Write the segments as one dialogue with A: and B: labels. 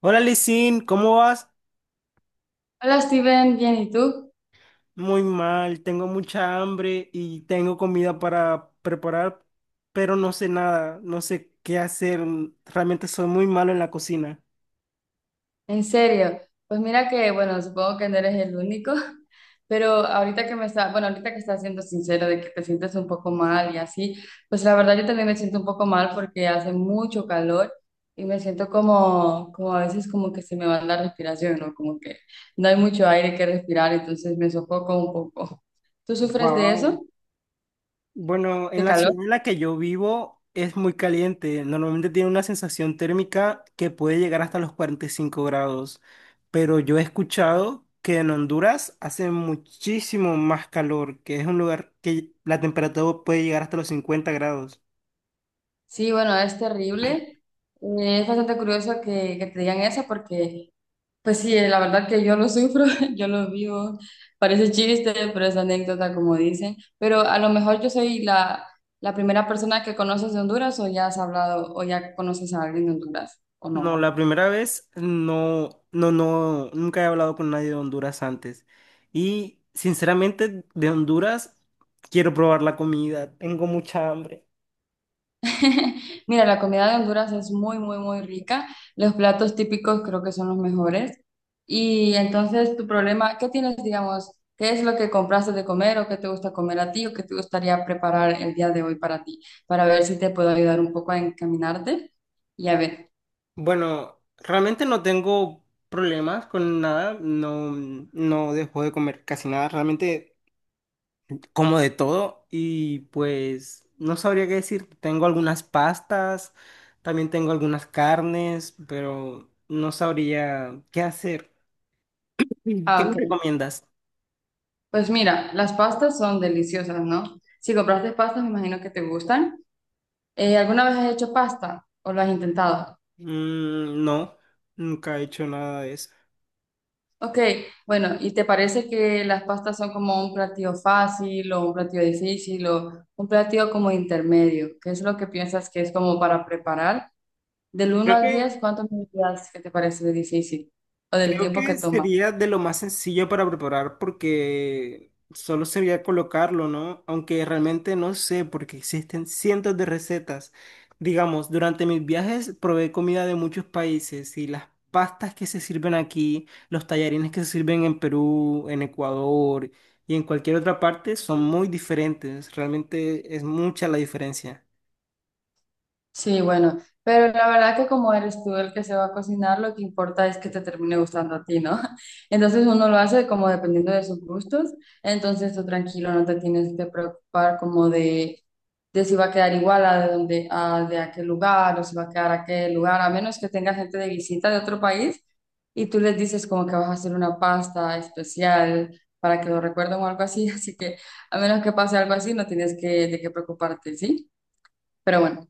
A: Hola Lisin, ¿cómo vas?
B: Hola Steven, bien, ¿y tú?
A: Muy mal, tengo mucha hambre y tengo comida para preparar, pero no sé nada, no sé qué hacer. Realmente soy muy malo en la cocina.
B: En serio, pues mira que, bueno, supongo que no eres el único, pero ahorita que me está, bueno, ahorita que estás siendo sincero de que te sientes un poco mal y así, pues la verdad yo también me siento un poco mal porque hace mucho calor y me siento como, a veces como que se me va la respiración, ¿no? Como que no hay mucho aire que respirar, entonces me sofoco un poco. ¿Tú sufres de
A: Wow.
B: eso,
A: Bueno, en
B: de
A: la
B: calor?
A: ciudad en la que yo vivo es muy caliente. Normalmente tiene una sensación térmica que puede llegar hasta los 45 grados, pero yo he escuchado que en Honduras hace muchísimo más calor, que es un lugar que la temperatura puede llegar hasta los 50 grados.
B: Sí, bueno, es terrible. Es bastante curioso que, te digan eso porque... Pues sí, la verdad que yo lo sufro, yo lo vivo, parece chiste, pero es anécdota como dicen, pero a lo mejor yo soy la primera persona que conoces de Honduras o ya has hablado o ya conoces a alguien de Honduras o
A: No,
B: no.
A: la primera vez no, no, no, nunca he hablado con nadie de Honduras antes. Y sinceramente, de Honduras quiero probar la comida, tengo mucha hambre.
B: Mira, la comida de Honduras es muy, muy, muy rica. Los platos típicos creo que son los mejores. Y entonces, tu problema, ¿qué tienes, digamos? ¿Qué es lo que compraste de comer o qué te gusta comer a ti o qué te gustaría preparar el día de hoy para ti? Para ver si te puedo ayudar un poco a encaminarte y a ver.
A: Bueno, realmente no tengo problemas con nada, no, no dejo de comer casi nada, realmente como de todo y pues no sabría qué decir. Tengo algunas pastas, también tengo algunas carnes, pero no sabría qué hacer. ¿Qué
B: Ah,
A: me
B: ok.
A: recomiendas?
B: Pues mira, las pastas son deliciosas, ¿no? Si compraste pastas, me imagino que te gustan. ¿Alguna vez has hecho pasta o lo has intentado?
A: Mm, no, nunca he hecho nada de eso.
B: Ok, bueno, ¿y te parece que las pastas son como un platillo fácil o un platillo difícil o un platillo como intermedio? ¿Qué es lo que piensas que es como para preparar? Del uno
A: Creo
B: al
A: que,
B: 10, ¿cuánto me dirías que te parece de difícil o del
A: Creo
B: tiempo que
A: que
B: toma?
A: sería de lo más sencillo para preparar porque solo sería colocarlo, ¿no? Aunque realmente no sé porque existen cientos de recetas. Digamos, durante mis viajes probé comida de muchos países y las pastas que se sirven aquí, los tallarines que se sirven en Perú, en Ecuador y en cualquier otra parte son muy diferentes. Realmente es mucha la diferencia.
B: Sí, bueno, pero la verdad que como eres tú el que se va a cocinar, lo que importa es que te termine gustando a ti, ¿no? Entonces uno lo hace como dependiendo de sus gustos, entonces tú tranquilo, no te tienes que preocupar como de, si va a quedar igual a de, donde, a de aquel lugar o si va a quedar aquel lugar, a menos que tenga gente de visita de otro país y tú les dices como que vas a hacer una pasta especial para que lo recuerden o algo así, así que a menos que pase algo así, no tienes que, de qué preocuparte, ¿sí? Pero bueno.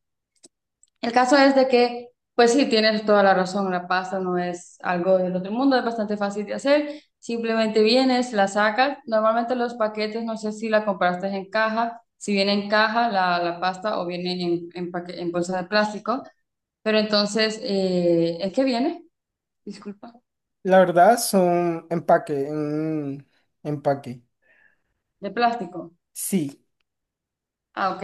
B: El caso es de que, pues sí, tienes toda la razón, la pasta no es algo del otro mundo, es bastante fácil de hacer, simplemente vienes, la sacas, normalmente los paquetes, no sé si la compraste en caja, si viene en caja la pasta o viene en bolsa de plástico, pero entonces, ¿es que viene? Disculpa,
A: La verdad son empaque, en empaque.
B: de plástico.
A: Sí.
B: Ah, ok.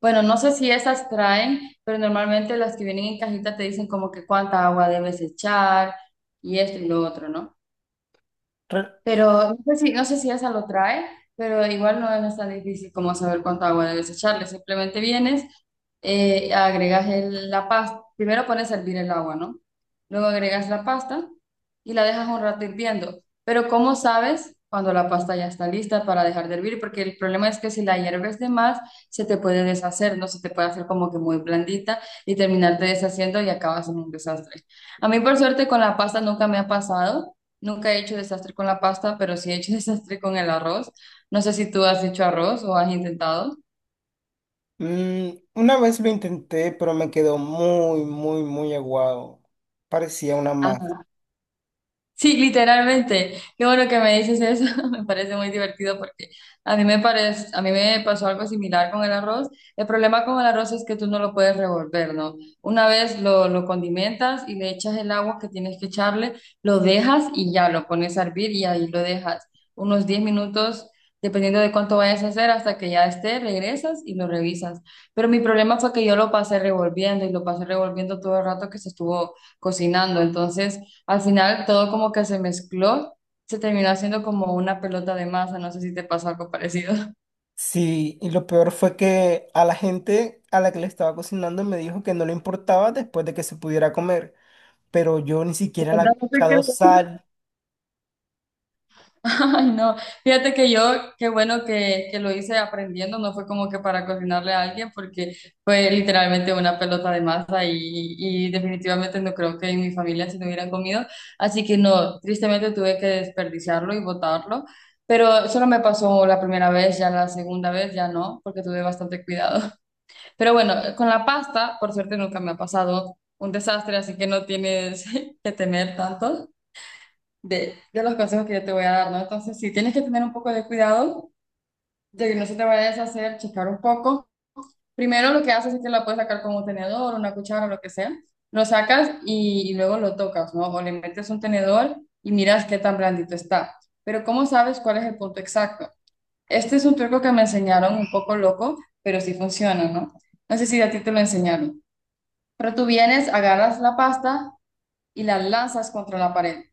B: Bueno, no sé si esas traen, pero normalmente las que vienen en cajita te dicen como que cuánta agua debes echar y esto y lo otro, ¿no?
A: re-
B: Pero no sé si esa lo trae, pero igual no es tan difícil como saber cuánta agua debes echarle. Simplemente vienes, agregas la pasta. Primero pones a hervir el agua, ¿no? Luego agregas la pasta y la dejas un rato hirviendo. Pero ¿cómo sabes cuando la pasta ya está lista para dejar de hervir? Porque el problema es que si la hierves de más, se te puede deshacer, ¿no? Se te puede hacer como que muy blandita y terminarte deshaciendo y acabas en un desastre. A mí, por suerte, con la pasta nunca me ha pasado. Nunca he hecho desastre con la pasta, pero sí he hecho desastre con el arroz. No sé si tú has hecho arroz o has intentado.
A: mm, una vez lo intenté, pero me quedó muy, muy, muy aguado. Parecía una masa.
B: Sí, literalmente. Qué bueno que me dices eso. Me parece muy divertido porque a mí me pasó algo similar con el arroz. El problema con el arroz es que tú no lo puedes revolver, ¿no? Una vez lo, condimentas y le echas el agua que tienes que echarle, lo dejas y ya lo pones a hervir y ahí lo dejas unos 10 minutos, dependiendo de cuánto vayas a hacer, hasta que ya esté, regresas y lo revisas. Pero mi problema fue que yo lo pasé revolviendo y lo pasé revolviendo todo el rato que se estuvo cocinando. Entonces al final todo como que se mezcló, se terminó haciendo como una pelota de masa, no sé si te pasó algo parecido.
A: Sí, y lo peor fue que a la gente a la que le estaba cocinando me dijo que no le importaba después de que se pudiera comer, pero yo ni
B: De
A: siquiera le
B: verdad,
A: había
B: no te
A: echado
B: creo.
A: sal.
B: Ay, no, fíjate que yo, qué bueno que, lo hice aprendiendo, no fue como que para cocinarle a alguien, porque fue literalmente una pelota de masa y definitivamente no creo que en mi familia se lo hubieran comido, así que no, tristemente tuve que desperdiciarlo y botarlo, pero solo me pasó la primera vez, ya la segunda vez ya no, porque tuve bastante cuidado. Pero bueno, con la pasta, por suerte nunca me ha pasado un desastre, así que no tienes que temer tanto de los consejos que yo te voy a dar, ¿no? Entonces, sí, tienes que tener un poco de cuidado de que no se te vaya a deshacer, checar un poco. Primero lo que haces es que la puedes sacar con un tenedor, una cuchara, lo que sea. Lo sacas y luego lo tocas, ¿no? O le metes un tenedor y miras qué tan blandito está. Pero ¿cómo sabes cuál es el punto exacto? Este es un truco que me enseñaron un poco loco, pero sí funciona, ¿no? No sé si a ti te lo enseñaron. Pero tú vienes, agarras la pasta y la lanzas contra la pared,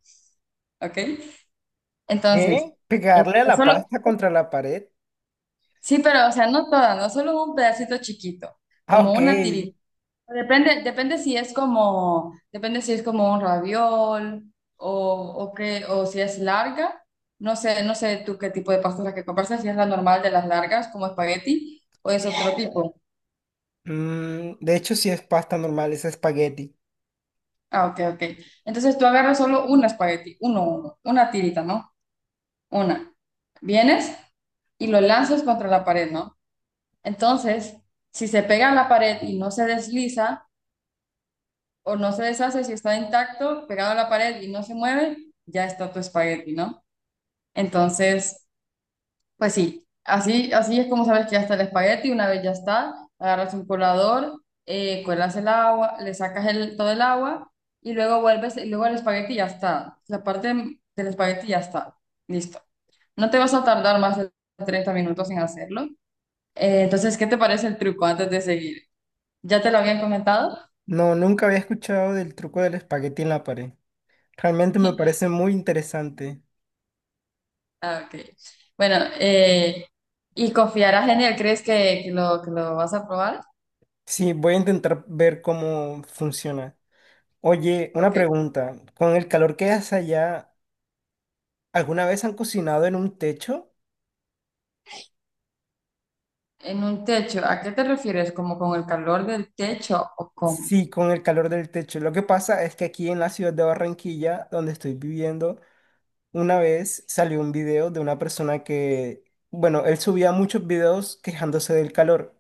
B: ¿ok? Entonces,
A: ¿Eh? Pegarle a
B: pero
A: la
B: solo,
A: pasta contra la pared.
B: sí, pero, o sea, no toda, no solo un pedacito chiquito,
A: Ah,
B: como
A: ok.
B: una tirita. Depende si es como un raviol o, o qué, o si es larga. No sé tú qué tipo de pasta es la que compras, si es la normal de las largas, como espagueti, o es otro tipo.
A: De hecho, sí es pasta normal, es espagueti.
B: Ah, ok, ok. Entonces tú agarras solo un espagueti, una tirita, ¿no? Una. Vienes y lo lanzas contra la pared, ¿no? Entonces, si se pega a la pared y no se desliza o no se deshace, si está intacto, pegado a la pared y no se mueve, ya está tu espagueti, ¿no? Entonces, pues sí, así, es como sabes que ya está el espagueti, una vez ya está, agarras un colador, cuelas el agua, le sacas todo el agua y luego vuelves, y luego el espagueti ya está, la parte del espagueti ya está, listo. No te vas a tardar más de 30 minutos en hacerlo. Entonces, ¿qué te parece el truco antes de seguir? ¿Ya te lo habían comentado?
A: No, nunca había escuchado del truco del espagueti en la pared. Realmente me parece muy interesante.
B: Ah, ok. Bueno, ¿y confiarás en él? ¿Crees que lo, que lo vas a probar?
A: Sí, voy a intentar ver cómo funciona. Oye, una
B: Ok.
A: pregunta. ¿Con el calor que hace allá, alguna vez han cocinado en un techo?
B: En un techo, ¿a qué te refieres? ¿Como con el calor del techo o con...?
A: Sí, con el calor del techo. Lo que pasa es que aquí en la ciudad de Barranquilla, donde estoy viviendo, una vez salió un video de una persona que, bueno, él subía muchos videos quejándose del calor.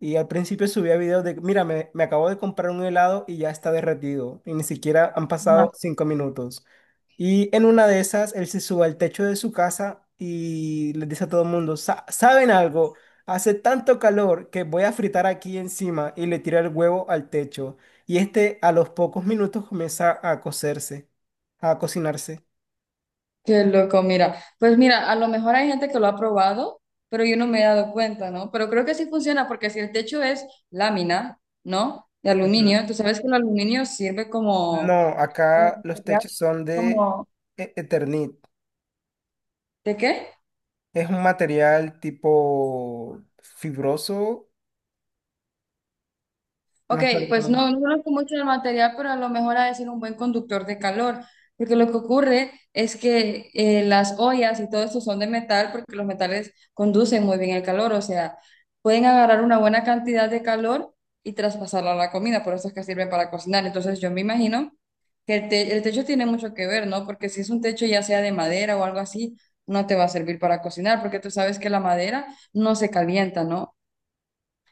A: Y al principio subía videos de, mira, me acabo de comprar un helado y ya está derretido. Y ni siquiera han pasado
B: Ajá.
A: 5 minutos. Y en una de esas, él se sube al techo de su casa y les dice a todo el mundo, "Sa- ¿saben algo? Hace tanto calor que voy a fritar aquí encima" y le tira el huevo al techo. Y este a los pocos minutos comienza a cocerse, a cocinarse.
B: Qué loco, mira. Pues mira, a lo mejor hay gente que lo ha probado, pero yo no me he dado cuenta, ¿no? Pero creo que sí funciona porque si el techo es lámina, ¿no? De
A: Ujú.
B: aluminio, tú sabes que el aluminio sirve como...
A: No,
B: Como
A: acá los
B: material,
A: techos son de
B: como...
A: e- Eternit.
B: ¿De qué?
A: Es un material tipo fibroso.
B: Ok,
A: No sé
B: pues
A: cómo-
B: no, no conozco mucho el material, pero a lo mejor ha de ser un buen conductor de calor, porque lo que ocurre es que las ollas y todo esto son de metal, porque los metales conducen muy bien el calor, o sea, pueden agarrar una buena cantidad de calor y traspasarla a la comida, por eso es que sirven para cocinar. Entonces yo me imagino que el techo tiene mucho que ver, ¿no? Porque si es un techo ya sea de madera o algo así, no te va a servir para cocinar, porque tú sabes que la madera no se calienta, ¿no?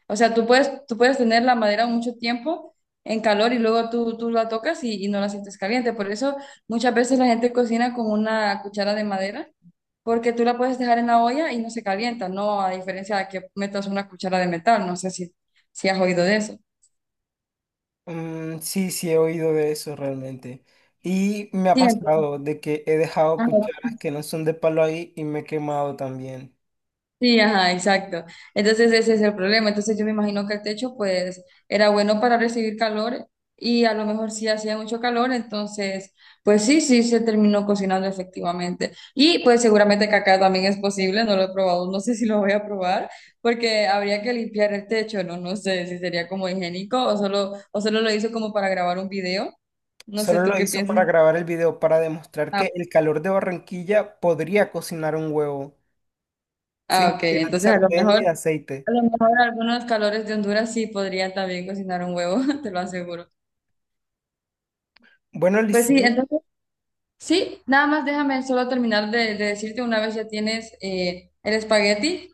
B: O sea, tú puedes, tener la madera mucho tiempo en calor y luego tú la tocas y no la sientes caliente. Por eso muchas veces la gente cocina con una cuchara de madera, porque tú la puedes dejar en la olla y no se calienta, ¿no? A diferencia de que metas una cuchara de metal, no sé si has oído de eso.
A: Sí, sí, he oído de eso realmente. Y me ha
B: Sí, entonces.
A: pasado de que he dejado cucharas que no son de palo ahí y me he quemado también.
B: Sí, ajá, exacto. Entonces ese es el problema. Entonces yo me imagino que el techo pues era bueno para recibir calor y a lo mejor sí hacía mucho calor, entonces pues sí, sí se terminó cocinando efectivamente. Y pues seguramente que acá también es posible, no lo he probado, no sé si lo voy a probar porque habría que limpiar el techo, no, no sé si sería como higiénico o solo, lo hizo como para grabar un video. No sé,
A: Solo
B: ¿tú
A: lo
B: qué
A: hice para
B: piensas?
A: grabar el video para demostrar
B: Ah,
A: que el calor de Barranquilla podría cocinar un huevo sin
B: ah, ok.
A: necesidad de
B: Entonces a lo
A: sartén ni
B: mejor,
A: de aceite.
B: a lo mejor algunos calores de Honduras sí podrían también cocinar un huevo, te lo aseguro.
A: Bueno,
B: Pues sí,
A: Licen,
B: entonces, sí, nada más déjame solo terminar de decirte una vez ya tienes el espagueti,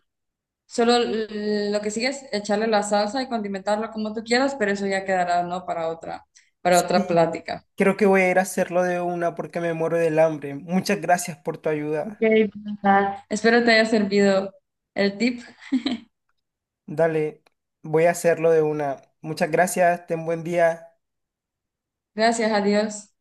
B: solo lo que sigue es echarle la salsa y condimentarlo como tú quieras, pero eso ya quedará, ¿no? para otra,
A: sí.
B: plática.
A: Creo que voy a ir a hacerlo de una porque me muero del hambre. Muchas gracias por tu
B: Ok,
A: ayuda.
B: pues, nada. Espero te haya servido el tip.
A: Dale, voy a hacerlo de una. Muchas gracias, ten buen día.
B: Gracias, adiós.